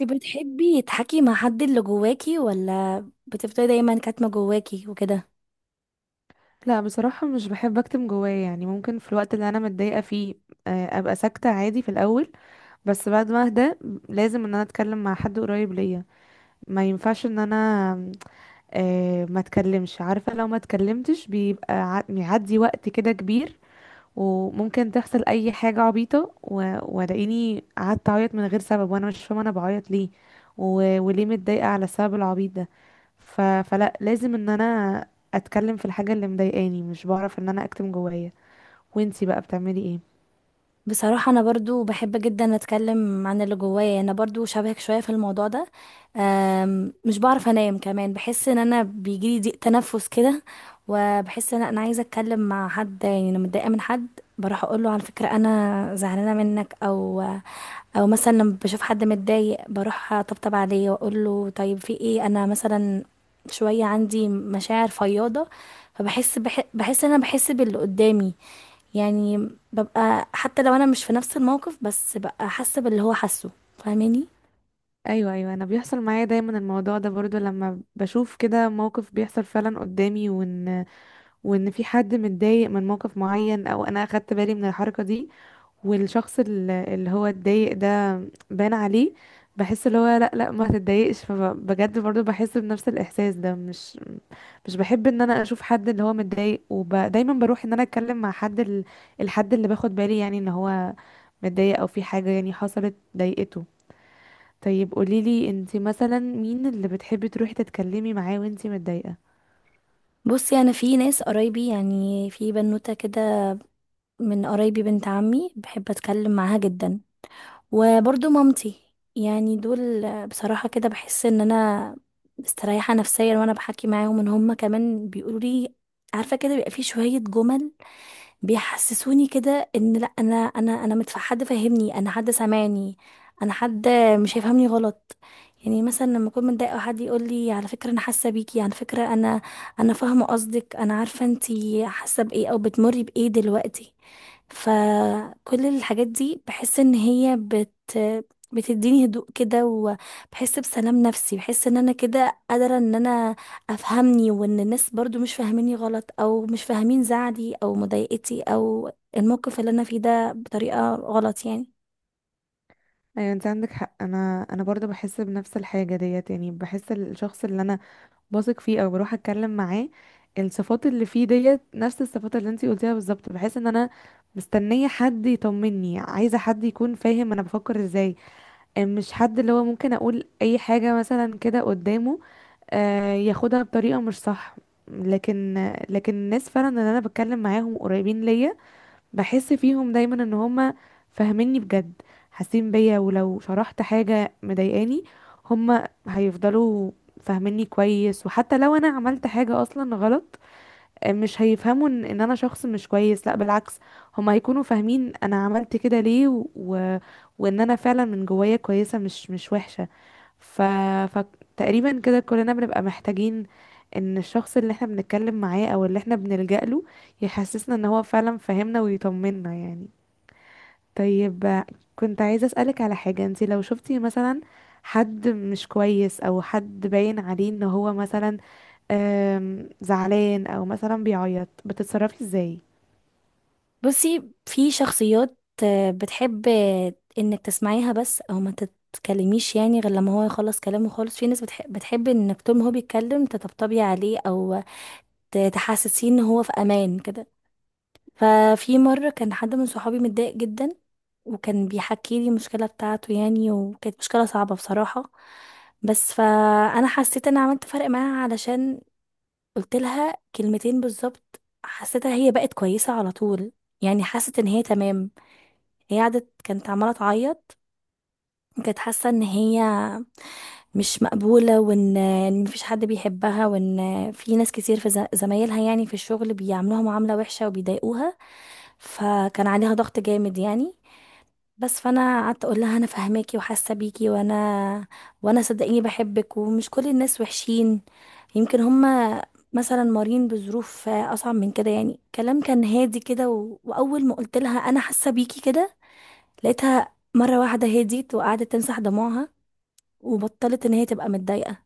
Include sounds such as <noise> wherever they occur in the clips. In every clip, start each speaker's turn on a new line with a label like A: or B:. A: انت بتحبي تحكي مع حد اللي جواكي ولا بتفضلي دايما كاتمة جواكي وكده؟
B: لا، بصراحة مش بحب اكتم جوايا. يعني ممكن في الوقت اللي انا متضايقة فيه ابقى ساكتة عادي في الاول، بس بعد ما اهدى لازم ان انا اتكلم مع حد قريب ليا. ما ينفعش ان انا ما اتكلمش. عارفة لو ما اتكلمتش بيبقى بيعدي وقت كده كبير، وممكن تحصل اي حاجه عبيطه والاقيني قعدت اعيط من غير سبب وانا مش فاهمه انا بعيط ليه وليه متضايقه على السبب العبيط ده. فلا، لازم ان انا اتكلم في الحاجه اللي مضايقاني. مش بعرف ان انا اكتم جوايا. وانتي بقى بتعملي ايه؟
A: بصراحة انا برضو بحب جدا اتكلم عن اللي جوايا، يعني انا برضو شبهك شوية في الموضوع ده. مش بعرف انام كمان، بحس ان انا بيجيلي ضيق تنفس كده، وبحس ان انا عايزة اتكلم مع حد. يعني انا متضايقة من حد، بروح اقول له على فكرة انا زعلانة منك، او مثلا لما بشوف حد متضايق بروح اطبطب عليه واقول له طيب في ايه. انا مثلا شويه عندي مشاعر فياضه، بحس ان انا بحس باللي قدامي، يعني ببقى حتى لو انا مش في نفس الموقف بس ببقى حاسه باللي هو حاسه. فاهماني؟
B: ايوه، ايوه، انا بيحصل معايا دايما الموضوع ده برضو. لما بشوف كده موقف بيحصل فعلا قدامي وان في حد متضايق من موقف معين او انا اخدت بالي من الحركه دي، والشخص اللي هو اتضايق ده بان عليه، بحس اللي هو لا لا ما تتضايقش. فبجد برضو بحس بنفس الاحساس ده. مش بحب ان انا اشوف حد اللي هو متضايق، ودايما بروح ان انا اتكلم مع حد ال... الحد اللي باخد بالي يعني ان هو متضايق او في حاجة يعني حصلت ضايقته. طيب قوليلي انتي مثلا مين اللي بتحبي تروحي تتكلمي معاه وانتي متضايقة؟
A: بصي، انا في ناس قرايبي، يعني في بنوته كده من قرايبي، بنت عمي، بحب اتكلم معاها جدا، وبرضو مامتي. يعني دول بصراحة كده بحس ان انا مستريحة نفسيا وانا بحكي معاهم، ان هما كمان بيقولوا لي، عارفة كده بيبقى في شوية جمل بيحسسوني كده ان لا، حد فاهمني، انا حد سامعني، انا حد مش هيفهمني غلط. يعني مثلا لما اكون متضايقه وحد يقول لي على فكره انا حاسه بيكي، على فكره انا فاهمه قصدك، انا عارفه انتي حاسه بايه او بتمري بايه دلوقتي. فكل الحاجات دي بحس ان هي بتديني هدوء كده، وبحس بسلام نفسي، بحس ان انا كده قادره ان انا افهمني، وان الناس برضو مش فاهميني غلط، او مش فاهمين زعلي او مضايقتي او الموقف اللي انا فيه ده بطريقة غلط يعني.
B: ايوه، انت عندك حق. انا برضو بحس بنفس الحاجة ديت. يعني بحس الشخص اللي انا بثق فيه او بروح اتكلم معاه، الصفات اللي فيه ديت نفس الصفات اللي انتي قلتيها بالظبط، بحيث ان انا مستنيه حد يطمني، عايزه حد يكون فاهم انا بفكر ازاي. مش حد اللي هو ممكن اقول اي حاجه مثلا كده قدامه ياخدها بطريقه مش صح. لكن لكن الناس فعلا اللي انا بتكلم معاهم قريبين ليا، بحس فيهم دايما ان هما فاهميني بجد، حاسين بيا. ولو شرحت حاجة مضايقاني هما هيفضلوا فاهميني كويس. وحتى لو انا عملت حاجة اصلا غلط مش هيفهموا ان إن انا شخص مش كويس. لا بالعكس، هما هيكونوا فاهمين انا عملت كده ليه وان انا فعلا من جوايا كويسة، مش وحشة. ف... فتقريبا كده كلنا بنبقى محتاجين ان الشخص اللي احنا بنتكلم معاه او اللي احنا بنلجأ له يحسسنا ان هو فعلا فاهمنا ويطمنا يعني. طيب، كنت عايزة أسألك على حاجة. انتي لو شفتي مثلا حد مش كويس او حد باين عليه ان هو مثلا زعلان او مثلا بيعيط، بتتصرفي ازاي؟
A: بصي، في شخصيات بتحب انك تسمعيها بس، او ما تتكلميش يعني غير لما هو يخلص كلامه خالص. في ناس بتحب انك طول ما هو بيتكلم تطبطبي عليه، او تحسسيه ان هو في امان كده. ففي مرة كان حد من صحابي متضايق جدا، وكان بيحكي لي المشكلة بتاعته يعني، وكانت مشكلة صعبة بصراحة. بس فأنا حسيت أنا عملت فرق معاها، علشان قلت لها كلمتين بالظبط حسيتها هي بقت كويسة على طول، يعني حست إن هي تمام. هي قعدت كانت عمالة تعيط، وكانت حاسة إن هي مش مقبولة، وان إن مفيش حد بيحبها، وان في ناس كتير في زمايلها يعني في الشغل بيعاملوها معاملة وحشة وبيضايقوها، فكان عليها ضغط جامد يعني. بس فانا قعدت اقول لها انا فاهماكي وحاسه بيكي، وانا صدقيني بحبك، ومش كل الناس وحشين، يمكن هما مثلا مارين بظروف اصعب من كده. يعني كلام كان هادي كده، واول ما قلت لها انا حاسه بيكي كده، لقيتها مره واحده هديت، وقعدت تمسح دموعها، وبطلت ان هي تبقى متضايقه.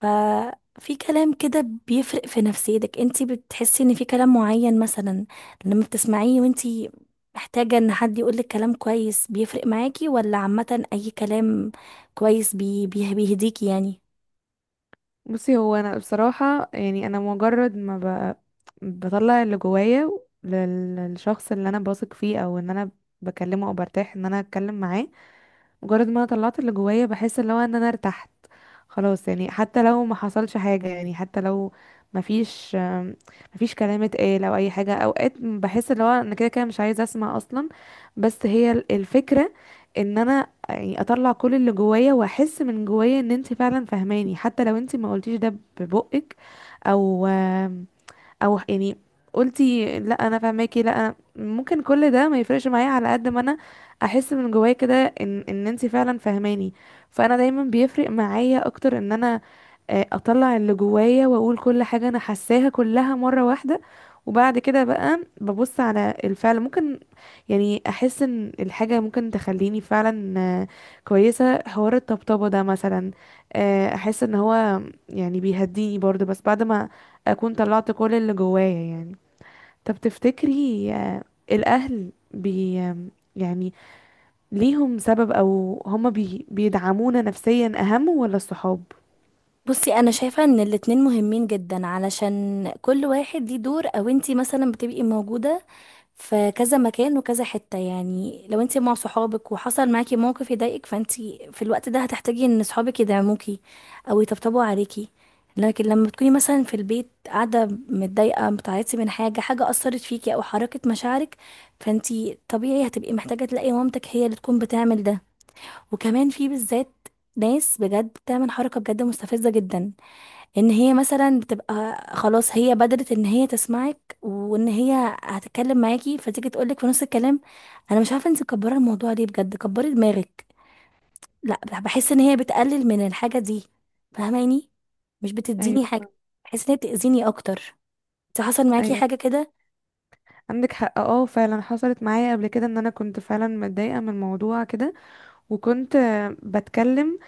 A: ففي كلام كده بيفرق في نفسيتك. انتي بتحسي ان في كلام معين مثلا لما بتسمعيه وانتي محتاجة ان حد يقولك كلام كويس بيفرق معاكي، ولا عامة اي كلام كويس بيهديكي يعني؟
B: بصي، هو انا بصراحة يعني انا مجرد ما بطلع اللي جوايا للشخص اللي انا بثق فيه او ان انا بكلمه او برتاح ان انا اتكلم معاه، مجرد ما انا طلعت اللي جوايا بحس اللي هو ان انا ارتحت خلاص. يعني حتى لو ما حصلش حاجة، يعني حتى لو ما فيش كلام اتقال او اي حاجة، اوقات بحس اللي هو انا كده كده مش عايزة اسمع اصلا. بس هي الفكرة ان انا يعني اطلع كل اللي جوايا، واحس من جوايا ان انت فعلا فهماني حتى لو انت ما قلتيش ده ببقك، او او يعني قلتي لا انا فاهماكي. لا أنا ممكن كل ده ما يفرقش معايا على قد ما انا احس من جوايا كده ان ان انتي فعلا فاهماني. فانا دايما بيفرق معايا اكتر ان انا اطلع اللي جوايا واقول كل حاجة انا حاساها كلها مرة واحدة. وبعد كده بقى ببص على الفعل. ممكن يعني احس ان الحاجة ممكن تخليني فعلا كويسة. حوار الطبطبة ده مثلا، احس ان هو يعني بيهديني برضه، بس بعد ما اكون طلعت كل اللي جوايا يعني. طب تفتكري الاهل بي آم، يعني ليهم سبب او هما بيدعمونا نفسيا اهم ولا الصحاب؟
A: بصي، انا شايفة ان الاتنين مهمين جدا، علشان كل واحد ليه دور. او انتي مثلا بتبقي موجودة في كذا مكان وكذا حتة، يعني لو انتي مع صحابك وحصل معاكي موقف يضايقك، فانتي في الوقت ده هتحتاجي ان صحابك يدعموكي او يطبطبوا عليكي. لكن لما تكوني مثلا في البيت قاعدة متضايقة بتعيطي من حاجة أثرت فيكي أو حركت مشاعرك، فانتي طبيعي هتبقي محتاجة تلاقي مامتك هي اللي تكون بتعمل ده. وكمان في بالذات ناس بجد بتعمل حركة بجد مستفزة جدا، ان هي مثلا بتبقى خلاص هي بدرت ان هي تسمعك وان هي هتتكلم معاكي، فتيجي تقولك في نص الكلام انا مش عارفه انت مكبره الموضوع ليه، بجد كبري دماغك. لا، بحس ان هي بتقلل من الحاجه دي. فاهماني؟ مش بتديني
B: ايوه،
A: حاجه، بحس ان هي بتاذيني اكتر. انت حصل معاكي
B: ايوه،
A: حاجه كده؟
B: عندك حق. اه فعلا حصلت معايا قبل كده ان انا كنت فعلا متضايقه من موضوع كده، وكنت بتكلم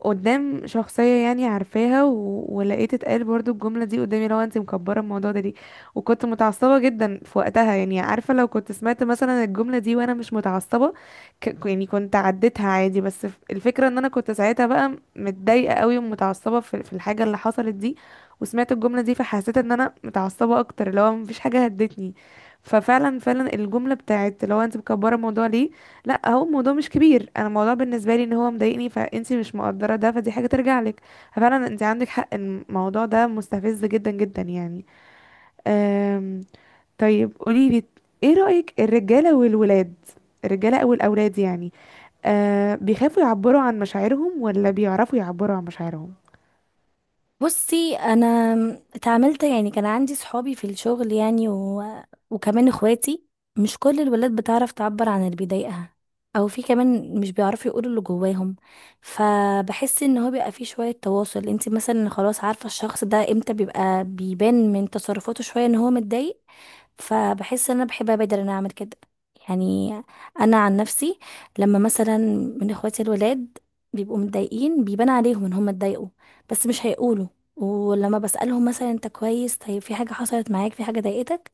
B: قدام شخصية يعني عارفاها، ولقيت اتقال برضو الجملة دي قدامي، لو انت مكبرة الموضوع ده ليه. وكنت متعصبة جدا في وقتها، يعني عارفة لو كنت سمعت مثلا الجملة دي وانا مش متعصبة يعني كنت عديتها عادي، بس الفكرة ان انا كنت ساعتها بقى متضايقة قوي ومتعصبة في الحاجة اللي حصلت دي، وسمعت الجملة دي فحسيت ان انا متعصبة اكتر. لو مفيش حاجة هدتني ففعلا فعلا الجملة بتاعت لو انت مكبرة الموضوع ليه، لا هو الموضوع مش كبير. انا الموضوع بالنسبه لي ان هو مضايقني، فانتي مش مقدره ده، فدي حاجه ترجع لك. ففعلا انت عندك حق، إن الموضوع ده مستفز جدا جدا يعني. أم... طيب قولي لي، ايه رايك الرجاله والولاد، الرجاله او الاولاد يعني، أه بيخافوا يعبروا عن مشاعرهم ولا بيعرفوا يعبروا عن مشاعرهم؟
A: بصي، انا اتعاملت يعني كان عندي صحابي في الشغل يعني وكمان اخواتي، مش كل الولاد بتعرف تعبر عن اللي بيضايقها، او في كمان مش بيعرفوا يقولوا اللي جواهم. فبحس ان هو بيبقى فيه شوية تواصل، انت مثلا خلاص عارفة الشخص ده امتى بيبقى بيبان من تصرفاته شوية ان هو متضايق، فبحس ان انا بحب ابادر ان انا اعمل كده. يعني انا عن نفسي، لما مثلا من اخواتي الولاد بيبقوا متضايقين بيبان عليهم ان هم اتضايقوا بس مش هيقولوا، ولما بسألهم مثلا انت كويس، طيب في حاجة حصلت معاك، في حاجة ضايقتك،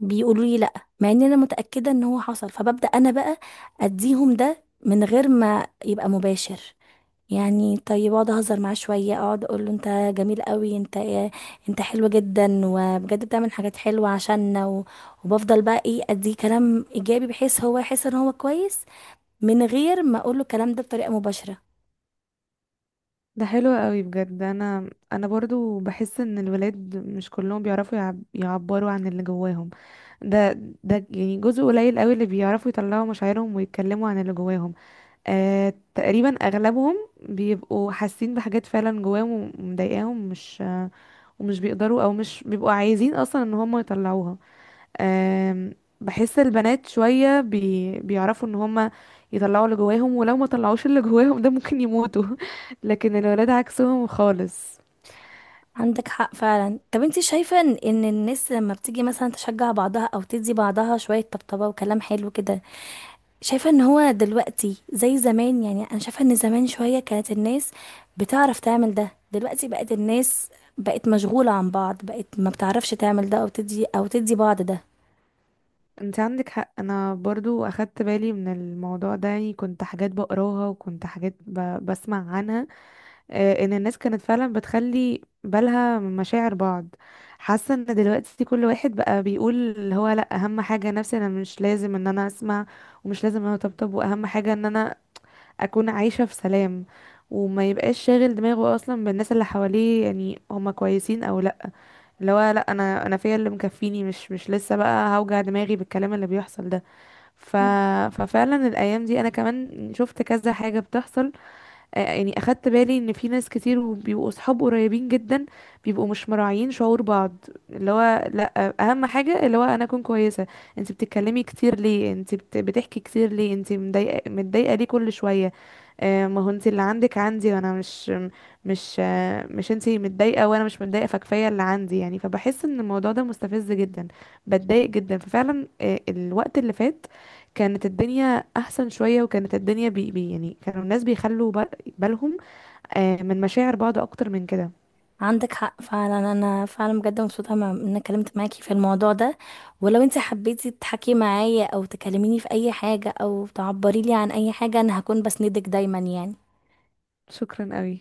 A: بيقولوا لي لا، مع ان انا متأكدة ان هو حصل. فببدأ انا بقى اديهم ده من غير ما يبقى مباشر، يعني طيب اقعد اهزر معاه شويه، اقعد اقول له انت جميل قوي، انت ايه، انت حلو جدا، وبجد بتعمل حاجات حلوه عشاننا، وبفضل بقى ايه اديه كلام ايجابي، بحيث هو يحس ان هو كويس من غير ما اقول له الكلام ده بطريقه مباشره.
B: ده حلو قوي بجد. انا برضو بحس ان الولاد مش كلهم بيعرفوا يعبروا عن اللي جواهم. ده ده يعني جزء قليل قوي اللي بيعرفوا يطلعوا مشاعرهم ويتكلموا عن اللي جواهم. آه، تقريبا اغلبهم بيبقوا حاسين بحاجات فعلا جواهم ومضايقاهم، مش ومش بيقدروا او مش بيبقوا عايزين اصلا ان هم يطلعوها. آه، بحس البنات شوية بيعرفوا ان هم يطلعوا اللي جواهم، ولو ما طلعوش اللي جواهم ده ممكن يموتوا. <laughs> لكن الولاد عكسهم خالص.
A: عندك حق فعلا. طب انت شايفه ان إن الناس لما بتيجي مثلا تشجع بعضها او تدي بعضها شويه طبطبه وكلام حلو كده، شايفة ان هو دلوقتي زي زمان؟ يعني انا شايفة ان زمان شوية كانت الناس بتعرف تعمل ده، دلوقتي بقت الناس بقت مشغولة عن بعض، بقت ما بتعرفش تعمل ده او تدي او بعض ده.
B: انت عندك حق، انا برضو اخدت بالي من الموضوع ده. يعني كنت حاجات بقراها وكنت حاجات بسمع عنها، آه، ان الناس كانت فعلا بتخلي بالها من مشاعر بعض. حاسه ان دلوقتي كل واحد بقى بيقول اللي هو لا اهم حاجه نفسي انا، مش لازم ان انا اسمع ومش لازم ان انا اطبطب، واهم حاجه ان انا اكون عايشه في سلام، وما يبقاش شاغل دماغه اصلا بالناس اللي حواليه يعني هما كويسين او لا. اللي هو لا انا فيا اللي مكفيني، مش لسه بقى هوجع دماغي بالكلام اللي بيحصل ده. ف...
A: مم.
B: ففعلا الايام دي انا كمان شفت كذا حاجه بتحصل. يعني اخدت بالي ان في ناس كتير بيبقوا اصحاب قريبين جدا بيبقوا مش مراعيين شعور بعض. اللي هو لا اهم حاجه اللي هو انا اكون كويسه. انت بتتكلمي كتير ليه؟ انت بتحكي كتير ليه؟ انت مضايقه، متضايقه ليه كل شويه؟ ما هو انت اللي عندك عندي وانا مش مش انت متضايقه وانا مش متضايقه، فكفايه اللي عندي يعني. فبحس ان الموضوع ده مستفز جدا، بتضايق جدا. ففعلا الوقت اللي فات كانت الدنيا احسن شويه، وكانت الدنيا بي بي يعني كانوا الناس بيخلوا بالهم من مشاعر بعض اكتر من كده.
A: عندك حق فعلا، انا فعلا بجد مبسوطة ان انا اتكلمت معاكي في الموضوع ده، ولو انت حبيتي تحكي معايا او تكلميني في اي حاجة او تعبري لي عن اي حاجة انا هكون بسندك دايما يعني.
B: شكرا قوي.